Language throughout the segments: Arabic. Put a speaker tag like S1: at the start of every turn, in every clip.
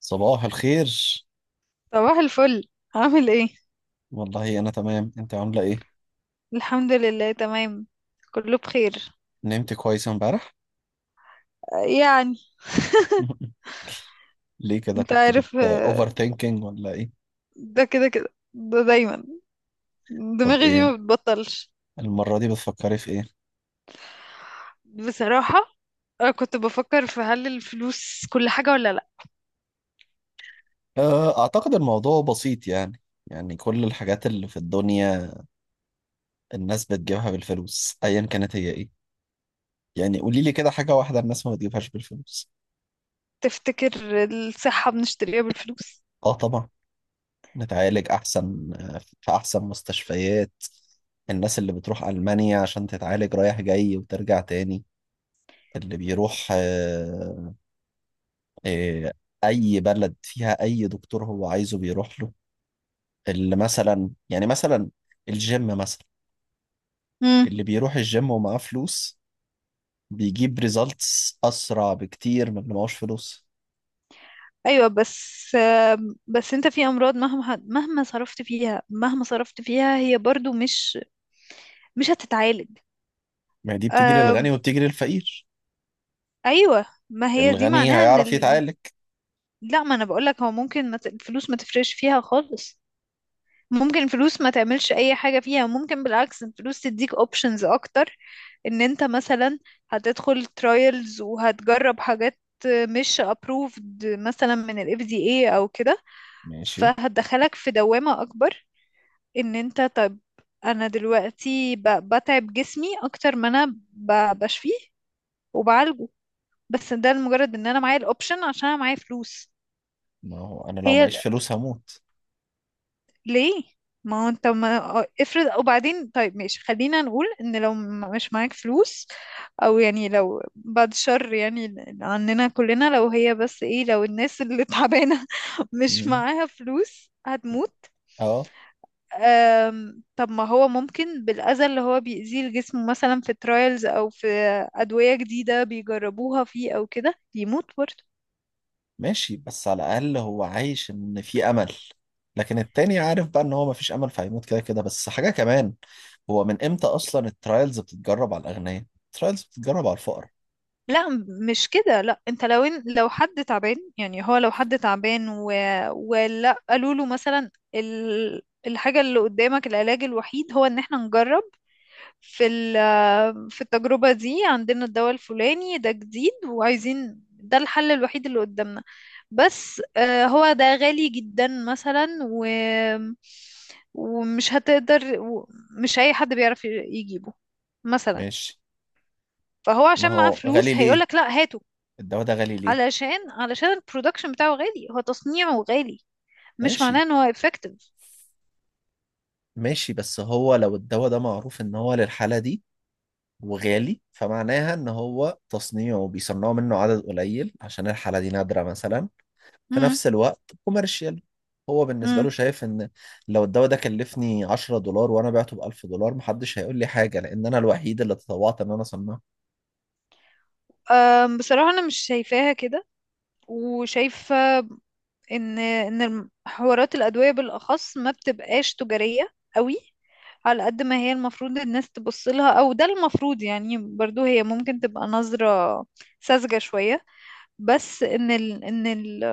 S1: صباح الخير.
S2: صباح الفل. عامل ايه؟
S1: والله انا تمام، انت عامله ايه؟
S2: الحمد لله، تمام، كله بخير.
S1: نمت كويس امبارح؟
S2: يعني،
S1: ليه كده،
S2: انت
S1: كنت بت
S2: عارف،
S1: اوفر ثينكينج ولا ايه؟
S2: ده كده كده ده دايما.
S1: طب
S2: دماغي دي
S1: ايه
S2: ما بتبطلش.
S1: المره دي بتفكري في ايه؟
S2: بصراحة، انا كنت بفكر في هل الفلوس كل حاجة ولا لا.
S1: آه، اعتقد الموضوع بسيط يعني كل الحاجات اللي في الدنيا الناس بتجيبها بالفلوس، ايا كانت هي ايه. يعني قولي لي كده حاجه واحده الناس ما بتجيبهاش بالفلوس.
S2: تفتكر الصحة بنشتريها بالفلوس؟
S1: اه طبعا. نتعالج احسن في احسن مستشفيات. الناس اللي بتروح المانيا عشان تتعالج رايح جاي وترجع تاني. اللي بيروح آه، أي بلد فيها أي دكتور هو عايزه بيروح له. اللي مثلا الجيم مثلا.
S2: امم،
S1: اللي بيروح الجيم ومعاه فلوس بيجيب ريزالتس أسرع بكتير من اللي معهوش فلوس.
S2: ايوه، بس بس انت في امراض مهما صرفت فيها هي برضو مش هتتعالج.
S1: ما هي دي بتيجي للغني
S2: أم،
S1: وبتيجي للفقير.
S2: ايوه، ما هي دي
S1: الغني
S2: معناها ان
S1: هيعرف يتعالج.
S2: لا، ما انا بقولك هو ممكن ما ت- الفلوس ما تفرقش فيها خالص. ممكن الفلوس ما تعملش اي حاجة فيها، ممكن بالعكس الفلوس تديك options اكتر. ان انت مثلا هتدخل trials وهتجرب حاجات مش approved مثلا من ال FDA او كده.
S1: ماشي.
S2: فهتدخلك في دوامة اكبر. ان انت، طب انا دلوقتي بتعب جسمي اكتر ما انا بشفيه وبعالجه، بس ده لمجرد ان انا معايا الاوبشن عشان انا معايا فلوس.
S1: ما هو أنا لو
S2: هي
S1: معيش فلوس هموت.
S2: ليه؟ ما هو انت ما افرض. وبعدين طيب ماشي، خلينا نقول ان لو مش معاك فلوس، او يعني لو بعد شر، يعني عننا كلنا، لو هي بس ايه، لو الناس اللي تعبانة مش
S1: مم.
S2: معاها فلوس هتموت.
S1: اه
S2: طب ما هو ممكن بالأذى اللي هو بيأذيه الجسم مثلا في ترايلز او في أدوية جديدة بيجربوها فيه او كده يموت برضه.
S1: ماشي، بس على الأقل هو عايش إن في أمل. لكن التاني عارف بقى إن هو مفيش أمل فهيموت كده كده. بس حاجة كمان، هو من امتى اصلا الترايلز بتتجرب على الاغنياء؟ الترايلز بتتجرب على الفقراء.
S2: لا مش كده، لا انت لو إن لو حد تعبان، يعني هو لو حد تعبان و... ولا قالوا له مثلا الحاجة اللي قدامك العلاج الوحيد هو ان احنا نجرب في التجربة دي عندنا الدواء الفلاني ده جديد، وعايزين ده الحل الوحيد اللي قدامنا. بس هو ده غالي جدا مثلا، ومش هتقدر مش اي حد بيعرف يجيبه مثلا.
S1: ماشي.
S2: فهو
S1: ما
S2: عشان معاه
S1: هو غالي
S2: فلوس
S1: ليه؟
S2: هيقولك لا، هاته.
S1: الدواء ده غالي ليه؟
S2: علشان البرودكشن بتاعه غالي، هو تصنيعه غالي، مش معناه
S1: ماشي،
S2: ان هو effective.
S1: ماشي. بس هو لو الدواء ده معروف ان هو للحالة دي وغالي، فمعناها ان هو تصنيعه بيصنعوا منه عدد قليل عشان الحالة دي نادرة مثلا. في
S2: مم.
S1: نفس الوقت كوميرشال، هو بالنسبة
S2: مم.
S1: له شايف ان لو الدواء ده كلفني 10 دولار وانا بعته ب 1000 دولار محدش هيقول لي حاجة، لان انا الوحيد اللي تطوعت ان انا اصنعه.
S2: بصراحة انا مش شايفاها كده. وشايفة ان ان حوارات الادوية بالاخص ما بتبقاش تجارية قوي، على قد ما هي المفروض الناس تبص لها. او ده المفروض يعني، برضو هي ممكن تبقى نظرة ساذجة شوية، بس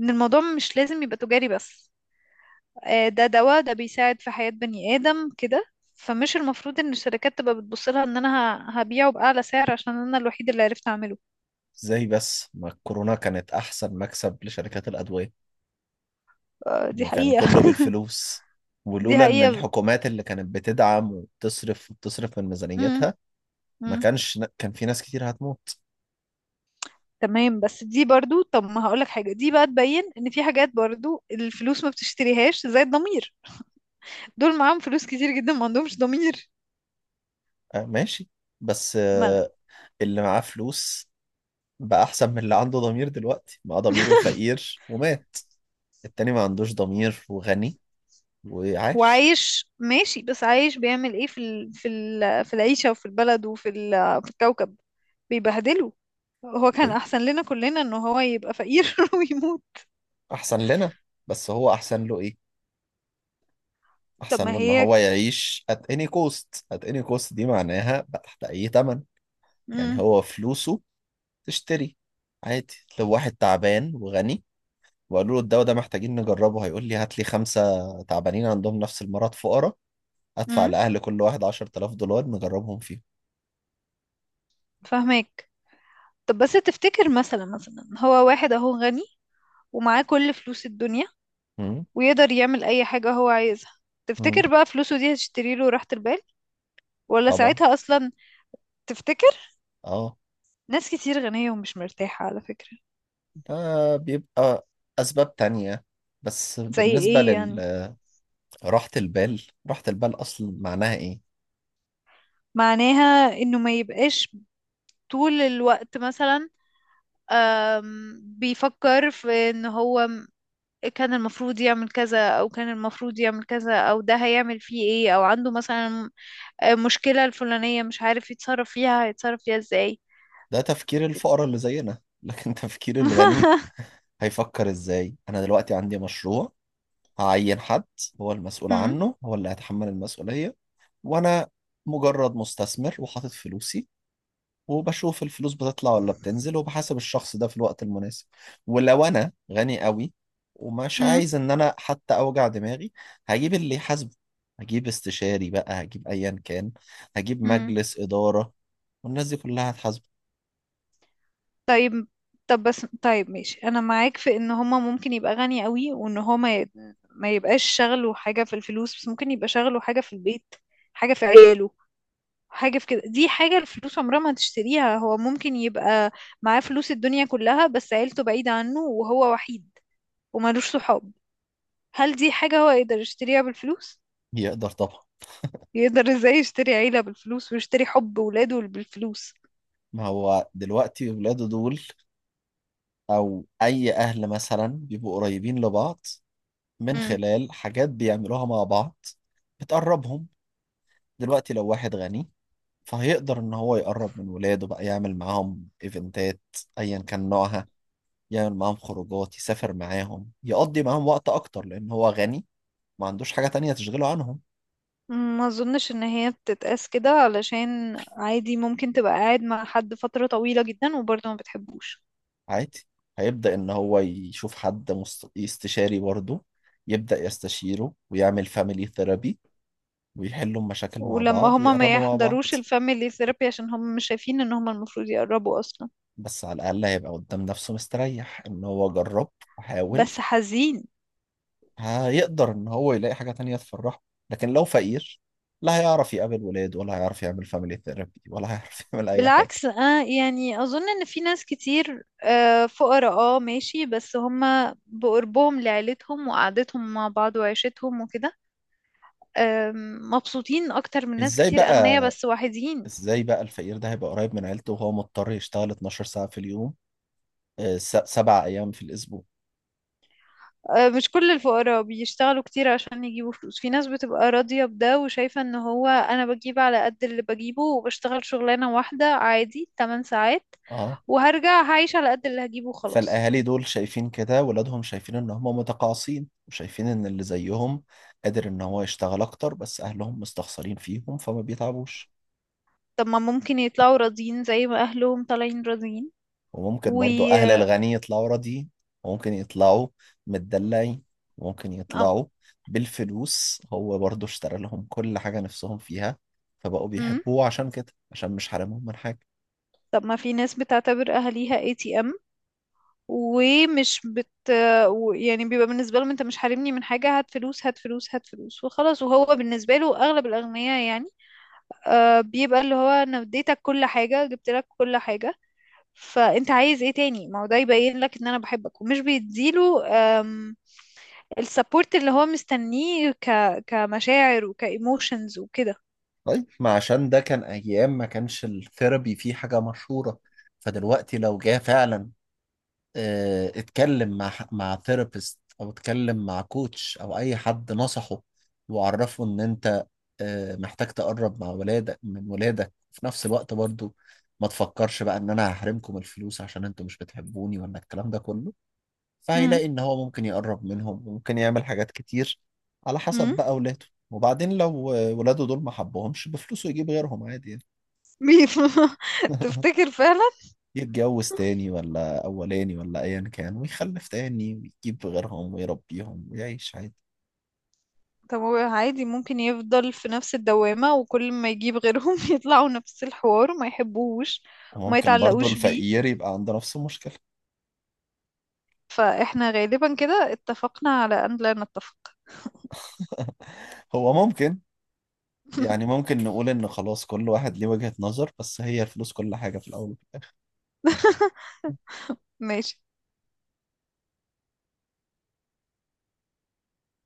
S2: ان الموضوع مش لازم يبقى تجاري بس. ده دواء، ده بيساعد في حياة بني آدم كده. فمش المفروض ان الشركات تبقى بتبص لها ان انا هبيعه بأعلى سعر عشان انا الوحيد اللي عرفت اعمله.
S1: ازاي بس، ما الكورونا كانت احسن مكسب لشركات الادويه،
S2: دي
S1: وكان
S2: حقيقة.
S1: كله بالفلوس.
S2: دي
S1: ولولا ان
S2: حقيقة.
S1: الحكومات اللي كانت بتدعم وبتصرف وبتصرف من
S2: امم.
S1: ميزانيتها ما
S2: امم.
S1: كانش كان في ناس كتير هتموت.
S2: تمام. بس دي برضو، طب ما هقولك حاجة، دي بقى تبين ان في حاجات برضو الفلوس ما بتشتريهاش زي الضمير. دول معاهم فلوس كتير جدا، ما عندهمش ضمير.
S1: آه ماشي. بس
S2: ما أنا-
S1: اللي معاه فلوس بقى احسن من اللي عنده ضمير. دلوقتي معاه ضميره فقير ومات. التاني ما عندوش ضمير وغني، وعاش.
S2: وعايش ماشي، بس عايش بيعمل ايه في العيشة وفي البلد وفي ال... في الكوكب. بيبهدله. هو كان
S1: ليه
S2: احسن لنا كلنا ان هو يبقى فقير ويموت.
S1: احسن لنا؟ بس هو احسن له إيه؟
S2: طب
S1: احسن
S2: ما
S1: له ان
S2: هي،
S1: هو يعيش at any cost. at any cost دي معناها بقى تحت اي ثمن. يعني
S2: امم.
S1: هو فلوسه تشتري عادي. لو واحد تعبان وغني وقالوا له الدواء ده محتاجين نجربه، هيقول لي هات لي خمسة تعبانين عندهم نفس المرض فقراء. ادفع
S2: امم.
S1: لأهل كل واحد 10000 دولار نجربهم فيهم.
S2: فاهمك. طب بس تفتكر، مثلا هو واحد اهو غني ومعاه كل فلوس الدنيا
S1: مم.
S2: ويقدر يعمل اي حاجة هو عايزها.
S1: مم.
S2: تفتكر بقى فلوسه دي هتشتري له راحة البال؟ ولا
S1: طبعا.
S2: ساعتها اصلا؟ تفتكر؟
S1: اه.
S2: ناس كتير غنية ومش مرتاحة على فكرة.
S1: ده بيبقى اسباب تانية، بس
S2: زي
S1: بالنسبة
S2: ايه يعني؟
S1: لراحة البال، راحة البال اصلا معناها ايه؟
S2: معناها انه ما يبقاش طول الوقت مثلا بيفكر في ان هو كان المفروض يعمل كذا، او كان المفروض يعمل كذا، او ده هيعمل فيه ايه، او عنده مثلا مشكلة الفلانية مش عارف يتصرف فيها، هيتصرف فيها ازاي.
S1: ده تفكير الفقراء اللي زينا، لكن تفكير الغني هيفكر ازاي؟ انا دلوقتي عندي مشروع، هعين حد هو المسؤول
S2: مم.
S1: عنه هو اللي هيتحمل المسؤولية. وانا مجرد مستثمر وحاطط فلوسي، وبشوف الفلوس بتطلع ولا بتنزل، وبحاسب الشخص ده في الوقت المناسب. ولو انا غني قوي ومش
S2: مم.
S1: عايز ان انا حتى اوجع دماغي، هجيب اللي يحاسبه. هجيب استشاري بقى، هجيب ايا كان، هجيب
S2: مم.
S1: مجلس إدارة، والناس دي كلها هتحاسبه.
S2: طيب. طب بس طيب ماشي، انا معاك في ان هما ممكن يبقى غني قوي، وان هما ما يبقاش شغله حاجة في الفلوس، بس ممكن يبقى شغله حاجة في البيت، حاجة في عياله، حاجة في كده. دي حاجة الفلوس عمرها ما تشتريها. هو ممكن يبقى معاه فلوس الدنيا كلها بس عيلته بعيدة عنه وهو وحيد ومالوش صحاب. هل دي حاجة هو يقدر يشتريها بالفلوس؟
S1: يقدر طبعا.
S2: يقدر ازاي يشتري عيلة بالفلوس ويشتري حب ولاده بالفلوس؟
S1: ما هو دلوقتي ولاده دول او اي اهل مثلا بيبقوا قريبين لبعض من
S2: امم.
S1: خلال حاجات بيعملوها مع بعض بتقربهم. دلوقتي لو واحد غني فهيقدر ان هو يقرب من ولاده بقى، يعمل معاهم ايفنتات ايا كان نوعها، يعمل معاهم خروجات، يسافر معاهم، يقضي معاهم وقت اكتر لان هو غني ما عندوش حاجة تانية تشغله عنهم.
S2: ما اظنش ان هي بتتقاس كده، علشان عادي ممكن تبقى قاعد مع حد فترة طويلة جدا وبرضه ما بتحبوش.
S1: عادي، هيبدأ ان هو يشوف حد استشاري برضه، يبدأ يستشيره ويعمل فاميلي ثيرابي ويحلوا المشاكل مع
S2: ولما
S1: بعض
S2: هما ما
S1: ويقربوا مع بعض.
S2: يحضروش الفاميلي ثيرابي عشان هما مش شايفين ان هما المفروض يقربوا اصلا.
S1: بس على الأقل هيبقى قدام نفسه مستريح إن هو جرب وحاول.
S2: بس حزين.
S1: هيقدر إن هو يلاقي حاجة تانية تفرحه. لكن لو فقير لا هيعرف يقابل ولاد ولا هيعرف يعمل فاميلي ثيرابي ولا هيعرف يعمل أي حاجة.
S2: بالعكس آه، يعني أظن إن في ناس كتير، آه، فقراء، اه ماشي، بس هما بقربهم لعيلتهم وقعدتهم مع بعض وعيشتهم وكده، آه، مبسوطين أكتر من ناس
S1: إزاي
S2: كتير
S1: بقى؟
S2: أغنياء بس وحيدين.
S1: إزاي بقى الفقير ده هيبقى قريب من عيلته وهو مضطر يشتغل 12 ساعة في اليوم، 7 أيام في الأسبوع؟
S2: آه، مش كل الفقراء بيشتغلوا كتير عشان يجيبوا فلوس. في ناس بتبقى راضية بده وشايفة إن هو أنا بجيب على قد اللي بجيبه وبشتغل شغلانة واحدة عادي 8 ساعات،
S1: آه.
S2: وهرجع هعيش على قد اللي هجيبه خلاص.
S1: فالأهالي دول شايفين كده ولادهم شايفين إن هم متقاعسين، وشايفين إن اللي زيهم قادر إن هو يشتغل أكتر، بس أهلهم مستخسرين فيهم فما بيتعبوش.
S2: طب ما ممكن يطلعوا راضيين زي ما أهلهم طالعين راضيين.
S1: وممكن
S2: و...
S1: برضو أهل الغني يطلعوا راضيين. وممكن يطلعوا متدلعين. وممكن
S2: أم.
S1: يطلعوا بالفلوس، هو برضو اشترى لهم كل حاجة نفسهم فيها فبقوا
S2: مم.
S1: بيحبوه عشان كده، عشان مش حارمهم من حاجة.
S2: طب ما في ناس بتعتبر اهاليها اي تي ام ومش يعني بيبقى بالنسبه لهم انت مش حارمني من حاجه، هات فلوس هات فلوس هات فلوس وخلاص. وهو بالنسبه له اغلب الاغنياء يعني آه بيبقى اللي هو انا اديتك كل حاجه، جبت لك كل حاجه، فانت عايز ايه تاني؟ ما هو ده يبين لك ان انا بحبك. ومش بيديله آم، السبورت اللي هو مستنيه كمشاعر وكايموشنز وكده.
S1: طيب، ما عشان ده كان أيام ما كانش الثيرابي فيه حاجة مشهورة. فدلوقتي لو جه فعلا اتكلم مع مع ثيرابيست او اتكلم مع كوتش او اي حد نصحه وعرفه ان انت محتاج تقرب مع ولادك من ولادك في نفس الوقت برضو، ما تفكرش بقى ان انا هحرمكم الفلوس عشان انتوا مش بتحبوني ولا الكلام ده كله،
S2: امم.
S1: فهيلاقي ان هو ممكن يقرب منهم وممكن يعمل حاجات كتير على حسب
S2: امم.
S1: بقى ولاده. وبعدين لو ولاده دول ما حبهمش بفلوسه يجيب غيرهم عادي يعني.
S2: تفتكر فعلا؟
S1: يتجوز تاني ولا أولاني ولا أيا كان ويخلف تاني ويجيب غيرهم ويربيهم ويعيش عادي.
S2: طب هو عادي ممكن يفضل في نفس الدوامة، وكل ما يجيب غيرهم يطلعوا نفس الحوار وما يحبوش وما
S1: وممكن برضو
S2: يتعلقوش بيه.
S1: الفقير يبقى عنده نفس المشكلة.
S2: فاحنا غالبا كده اتفقنا على ان لا نتفق.
S1: هو ممكن، يعني ممكن نقول إن خلاص كل واحد ليه وجهة نظر، بس هي الفلوس كل حاجة في الأول.
S2: ماشي.